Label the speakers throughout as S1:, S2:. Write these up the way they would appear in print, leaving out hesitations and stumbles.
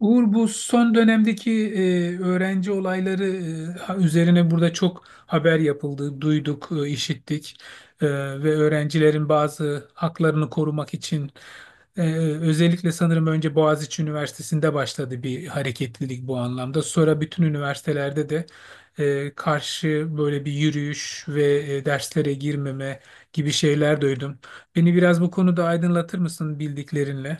S1: Uğur bu son dönemdeki öğrenci olayları üzerine burada çok haber yapıldı, duyduk, işittik. E, Ve öğrencilerin bazı haklarını korumak için e, özellikle sanırım önce Boğaziçi Üniversitesi'nde başladı bir hareketlilik bu anlamda. Sonra bütün üniversitelerde de karşı böyle bir yürüyüş ve derslere girmeme gibi şeyler duydum. Beni biraz bu konuda aydınlatır mısın bildiklerinle?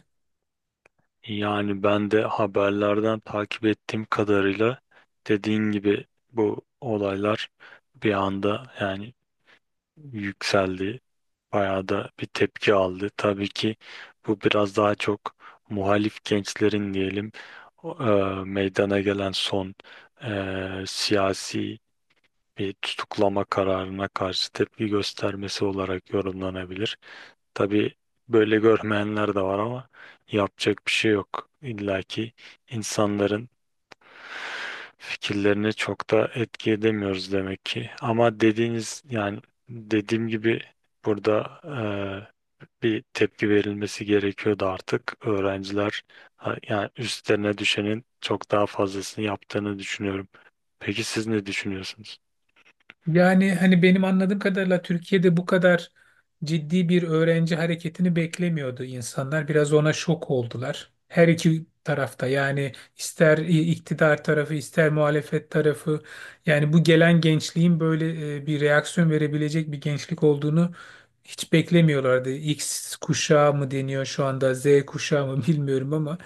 S2: Yani ben de haberlerden takip ettiğim kadarıyla dediğin gibi bu olaylar bir anda yani yükseldi. Bayağı da bir tepki aldı. Tabii ki bu biraz daha çok muhalif gençlerin diyelim meydana gelen son siyasi bir tutuklama kararına karşı tepki göstermesi olarak yorumlanabilir. Tabii böyle görmeyenler de var ama yapacak bir şey yok. İlla ki insanların fikirlerini çok da etki edemiyoruz demek ki. Ama dediğiniz yani dediğim gibi burada bir tepki verilmesi gerekiyordu artık. Öğrenciler ha, yani üstlerine düşenin çok daha fazlasını yaptığını düşünüyorum. Peki siz ne düşünüyorsunuz?
S1: Yani hani benim anladığım kadarıyla Türkiye'de bu kadar ciddi bir öğrenci hareketini beklemiyordu insanlar. Biraz ona şok oldular. Her iki tarafta yani ister iktidar tarafı ister muhalefet tarafı, yani bu gelen gençliğin böyle bir reaksiyon verebilecek bir gençlik olduğunu hiç beklemiyorlardı. X kuşağı mı deniyor şu anda, Z kuşağı mı, bilmiyorum ama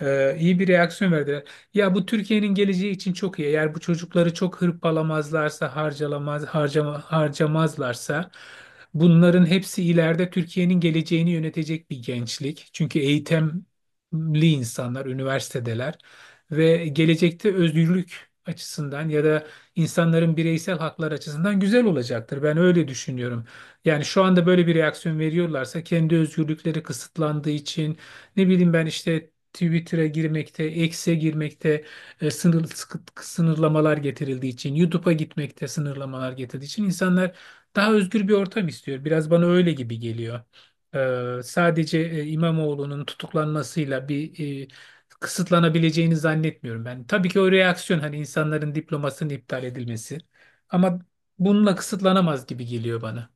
S1: iyi bir reaksiyon verdiler. Ya bu Türkiye'nin geleceği için çok iyi. Eğer bu çocukları çok hırpalamazlarsa, harcamazlarsa bunların hepsi ileride Türkiye'nin geleceğini yönetecek bir gençlik. Çünkü eğitimli insanlar, üniversitedeler ve gelecekte özgürlük açısından ya da insanların bireysel haklar açısından güzel olacaktır. Ben öyle düşünüyorum. Yani şu anda böyle bir reaksiyon veriyorlarsa kendi özgürlükleri kısıtlandığı için, ne bileyim ben işte Twitter'a girmekte, X'e girmekte sınırlamalar getirildiği için, YouTube'a gitmekte sınırlamalar getirdiği için insanlar daha özgür bir ortam istiyor. Biraz bana öyle gibi geliyor. Sadece İmamoğlu'nun tutuklanmasıyla bir kısıtlanabileceğini zannetmiyorum ben. Tabii ki o reaksiyon hani insanların diplomasının iptal edilmesi, ama bununla kısıtlanamaz gibi geliyor bana.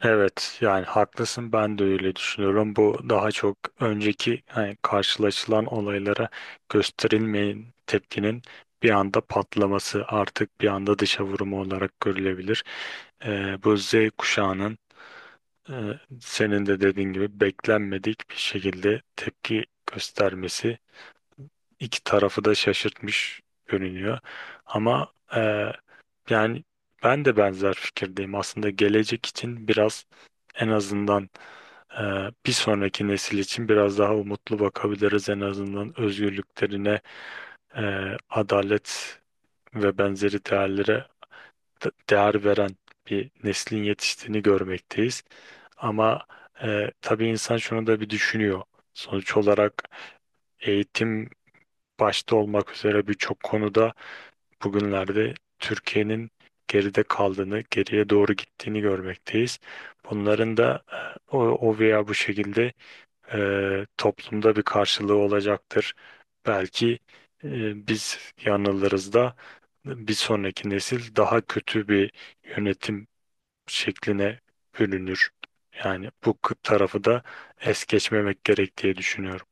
S2: Evet yani haklısın, ben de öyle düşünüyorum. Bu daha çok önceki hani karşılaşılan olaylara gösterilmeyen tepkinin bir anda patlaması, artık bir anda dışa vurumu olarak görülebilir. Bu Z kuşağının e, senin de dediğin gibi beklenmedik bir şekilde tepki göstermesi iki tarafı da şaşırtmış görünüyor. Ama yani ben de benzer fikirdeyim. Aslında gelecek için biraz, en azından, e, bir sonraki nesil için biraz daha umutlu bakabiliriz. En azından özgürlüklerine, e, adalet ve benzeri değerlere değer veren bir neslin yetiştiğini görmekteyiz. Ama tabii insan şunu da bir düşünüyor. Sonuç olarak eğitim başta olmak üzere birçok konuda bugünlerde Türkiye'nin geride kaldığını, geriye doğru gittiğini görmekteyiz. Bunların da o veya bu şekilde toplumda bir karşılığı olacaktır. Belki biz yanılırız da bir sonraki nesil daha kötü bir yönetim şekline bürünür. Yani bu tarafı da es geçmemek gerek diye düşünüyorum.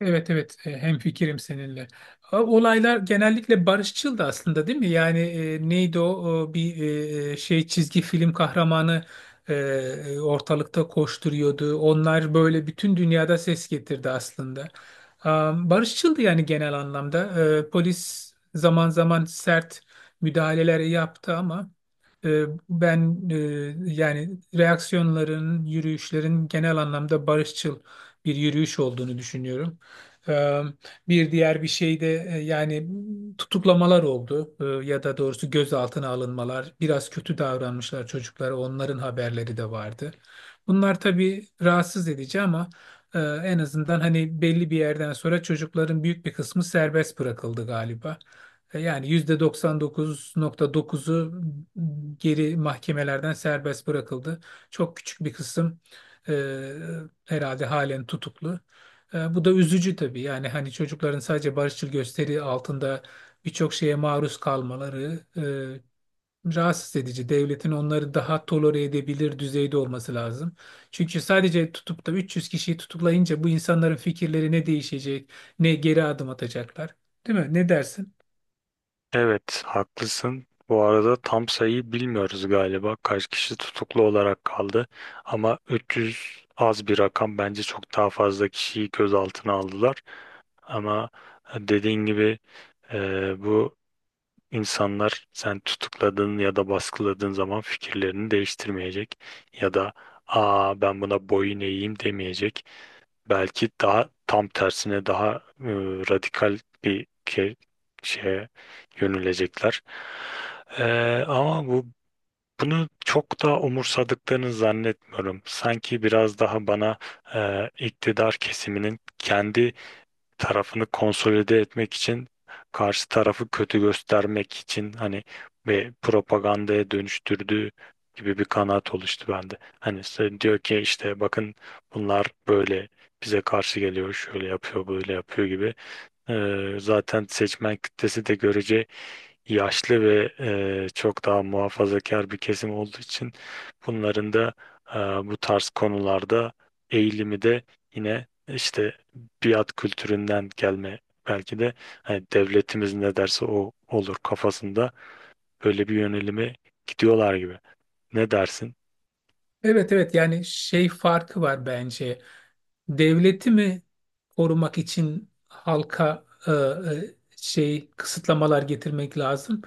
S1: Evet, evet, hemfikirim seninle. Olaylar genellikle barışçıl da aslında, değil mi? Yani neydi o? O bir şey çizgi film kahramanı ortalıkta koşturuyordu. Onlar böyle bütün dünyada ses getirdi aslında. Barışçıldı yani genel anlamda. Polis zaman zaman sert müdahaleler yaptı ama e, ben yani reaksiyonların, yürüyüşlerin genel anlamda barışçıl bir yürüyüş olduğunu düşünüyorum. Ee, Bir diğer bir şey de yani tutuklamalar oldu. Ya da doğrusu gözaltına alınmalar. Biraz kötü davranmışlar çocuklara. Onların haberleri de vardı. Bunlar tabii rahatsız edici ama en azından hani belli bir yerden sonra çocukların büyük bir kısmı serbest bırakıldı galiba. Yani %99,9'u geri mahkemelerden serbest bırakıldı. Çok küçük bir kısım e, herhalde halen tutuklu. Bu da üzücü tabii. Yani hani çocukların sadece barışçıl gösteri altında birçok şeye maruz kalmaları rahatsız edici. Devletin onları daha tolere edebilir düzeyde olması lazım. Çünkü sadece tutup da 300 kişiyi tutuklayınca bu insanların fikirleri ne değişecek, ne geri adım atacaklar. Değil mi? Ne dersin?
S2: Evet, haklısın. Bu arada tam sayıyı bilmiyoruz galiba. Kaç kişi tutuklu olarak kaldı? Ama 300 az bir rakam. Bence çok daha fazla kişiyi gözaltına aldılar. Ama dediğin gibi bu insanlar, sen tutukladığın ya da baskıladığın zaman fikirlerini değiştirmeyecek. Ya da aa, ben buna boyun eğeyim demeyecek, belki daha tam tersine daha e, radikal bir ke- şeye yönelecekler. E, Ama bu, bunu çok da umursadıklarını zannetmiyorum. Sanki biraz daha bana iktidar kesiminin kendi tarafını konsolide etmek için, karşı tarafı kötü göstermek için hani ve propagandaya dönüştürdüğü gibi bir kanaat oluştu bende. Hani sen diyor ki işte bakın, bunlar böyle bize karşı geliyor, şöyle yapıyor, böyle yapıyor gibi. Zaten seçmen kitlesi de görece yaşlı ve çok daha muhafazakar bir kesim olduğu için, bunların da bu tarz konularda eğilimi de yine işte biat kültüründen gelme belki de, hani devletimiz ne derse o olur kafasında böyle bir yönelime gidiyorlar gibi. Ne dersin?
S1: Evet, evet, yani şey farkı var bence. Devleti mi korumak için halka şey kısıtlamalar getirmek lazım?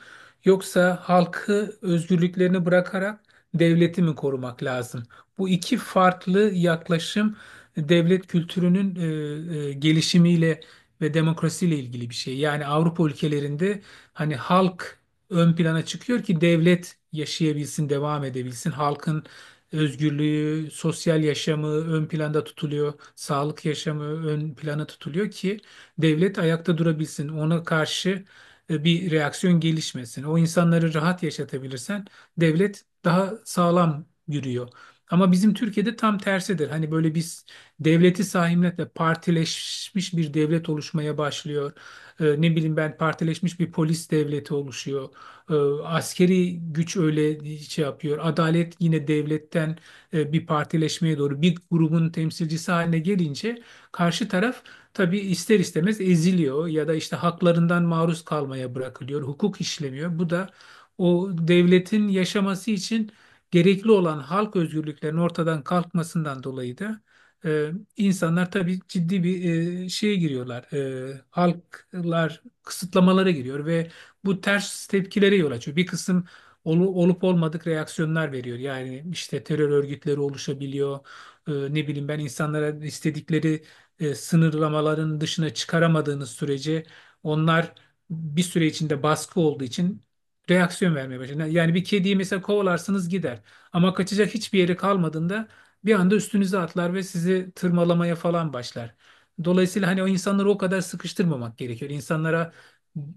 S1: Yoksa halkı özgürlüklerini bırakarak devleti mi korumak lazım? Bu iki farklı yaklaşım devlet kültürünün gelişimiyle ve demokrasiyle ilgili bir şey. Yani Avrupa ülkelerinde hani halk ön plana çıkıyor ki devlet yaşayabilsin, devam edebilsin. Halkın özgürlüğü, sosyal yaşamı ön planda tutuluyor, sağlık yaşamı ön plana tutuluyor ki devlet ayakta durabilsin. Ona karşı bir reaksiyon gelişmesin. O insanları rahat yaşatabilirsen devlet daha sağlam yürüyor. Ama bizim Türkiye'de tam tersidir. Hani böyle biz devleti sahiplenip partileşmiş bir devlet oluşmaya başlıyor. Ne bileyim ben, partileşmiş bir polis devleti oluşuyor. E, Askeri güç öyle şey yapıyor. Adalet yine devletten bir partileşmeye doğru bir grubun temsilcisi haline gelince karşı taraf tabii ister istemez eziliyor ya da işte haklarından maruz kalmaya bırakılıyor. Hukuk işlemiyor. Bu da o devletin yaşaması için gerekli olan halk özgürlüklerinin ortadan kalkmasından dolayı da e, insanlar tabii ciddi bir şeye giriyorlar. Halklar kısıtlamalara giriyor ve bu ters tepkilere yol açıyor. Bir kısım olup olmadık reaksiyonlar veriyor. Yani işte terör örgütleri oluşabiliyor. Ne bileyim ben, insanlara istedikleri sınırlamaların dışına çıkaramadığınız sürece onlar bir süre içinde baskı olduğu için reaksiyon vermeye başlar. Yani bir kediyi mesela kovalarsınız, gider. Ama kaçacak hiçbir yeri kalmadığında bir anda üstünüze atlar ve sizi tırmalamaya falan başlar. Dolayısıyla hani o insanları o kadar sıkıştırmamak gerekiyor. İnsanlara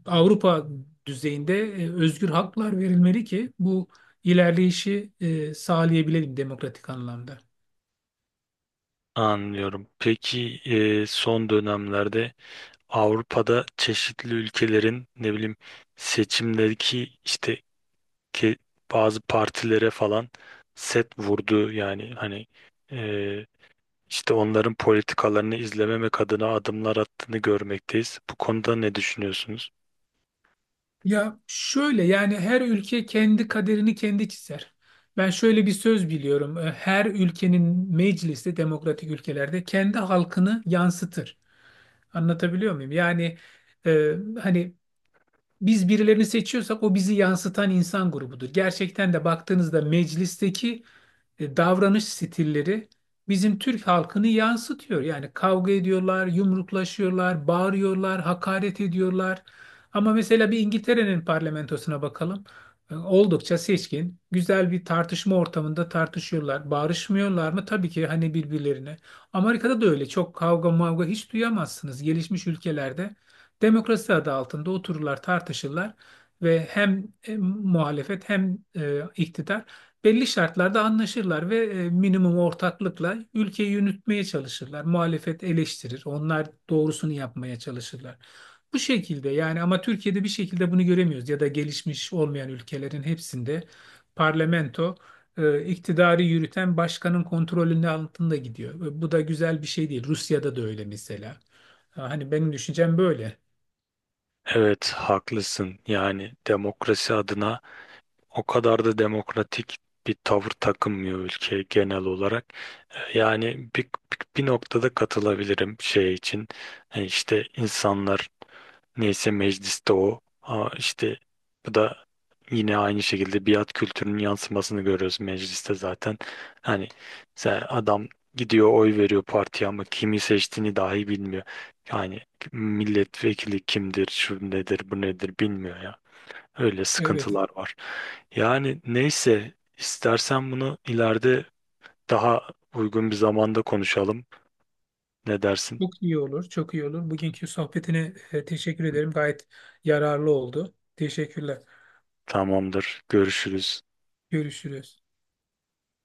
S1: Avrupa düzeyinde özgür haklar verilmeli ki bu ilerleyişi sağlayabilelim demokratik anlamda.
S2: Anlıyorum. Peki son dönemlerde Avrupa'da çeşitli ülkelerin ne bileyim seçimdeki işte ke- bazı partilere falan set vurdu, yani hani e, işte onların politikalarını izlememek adına adımlar attığını görmekteyiz. Bu konuda ne düşünüyorsunuz?
S1: Ya şöyle, yani her ülke kendi kaderini kendi çizer. Ben şöyle bir söz biliyorum. Her ülkenin meclisi demokratik ülkelerde kendi halkını yansıtır. Anlatabiliyor muyum? Yani e, hani biz birilerini seçiyorsak o bizi yansıtan insan grubudur. Gerçekten de baktığınızda meclisteki davranış stilleri bizim Türk halkını yansıtıyor. Yani kavga ediyorlar, yumruklaşıyorlar, bağırıyorlar, hakaret ediyorlar. Ama mesela bir İngiltere'nin parlamentosuna bakalım. Oldukça seçkin, güzel bir tartışma ortamında tartışıyorlar. Bağırışmıyorlar mı? Tabii ki, hani, birbirlerine. Amerika'da da öyle. Çok kavga mavga hiç duyamazsınız. Gelişmiş ülkelerde demokrasi adı altında otururlar, tartışırlar ve hem muhalefet hem iktidar belli şartlarda anlaşırlar ve minimum ortaklıkla ülkeyi yürütmeye çalışırlar. Muhalefet eleştirir, onlar doğrusunu yapmaya çalışırlar. Bu şekilde yani. Ama Türkiye'de bir şekilde bunu göremiyoruz, ya da gelişmiş olmayan ülkelerin hepsinde parlamento iktidarı yürüten başkanın kontrolünün altında gidiyor. Ve bu da güzel bir şey değil. Rusya'da da öyle mesela. Ha, hani benim düşüncem böyle.
S2: Evet, haklısın. Yani demokrasi adına o kadar da demokratik bir tavır takınmıyor ülke genel olarak. Yani bir bir noktada katılabilirim şey için. İşte insanlar, neyse mecliste o. Aa, işte bu da yine aynı şekilde biat kültürünün yansımasını görüyoruz mecliste zaten. Hani sen, adam gidiyor oy veriyor partiye ama kimi seçtiğini dahi bilmiyor. Yani milletvekili kimdir, şu nedir, bu nedir bilmiyor ya. Öyle
S1: Evet.
S2: sıkıntılar var. Yani neyse, istersen bunu ileride daha uygun bir zamanda konuşalım. Ne dersin?
S1: Çok iyi olur, çok iyi olur. Bugünkü sohbetine teşekkür ederim. Gayet yararlı oldu. Teşekkürler.
S2: Tamamdır. Görüşürüz.
S1: Görüşürüz.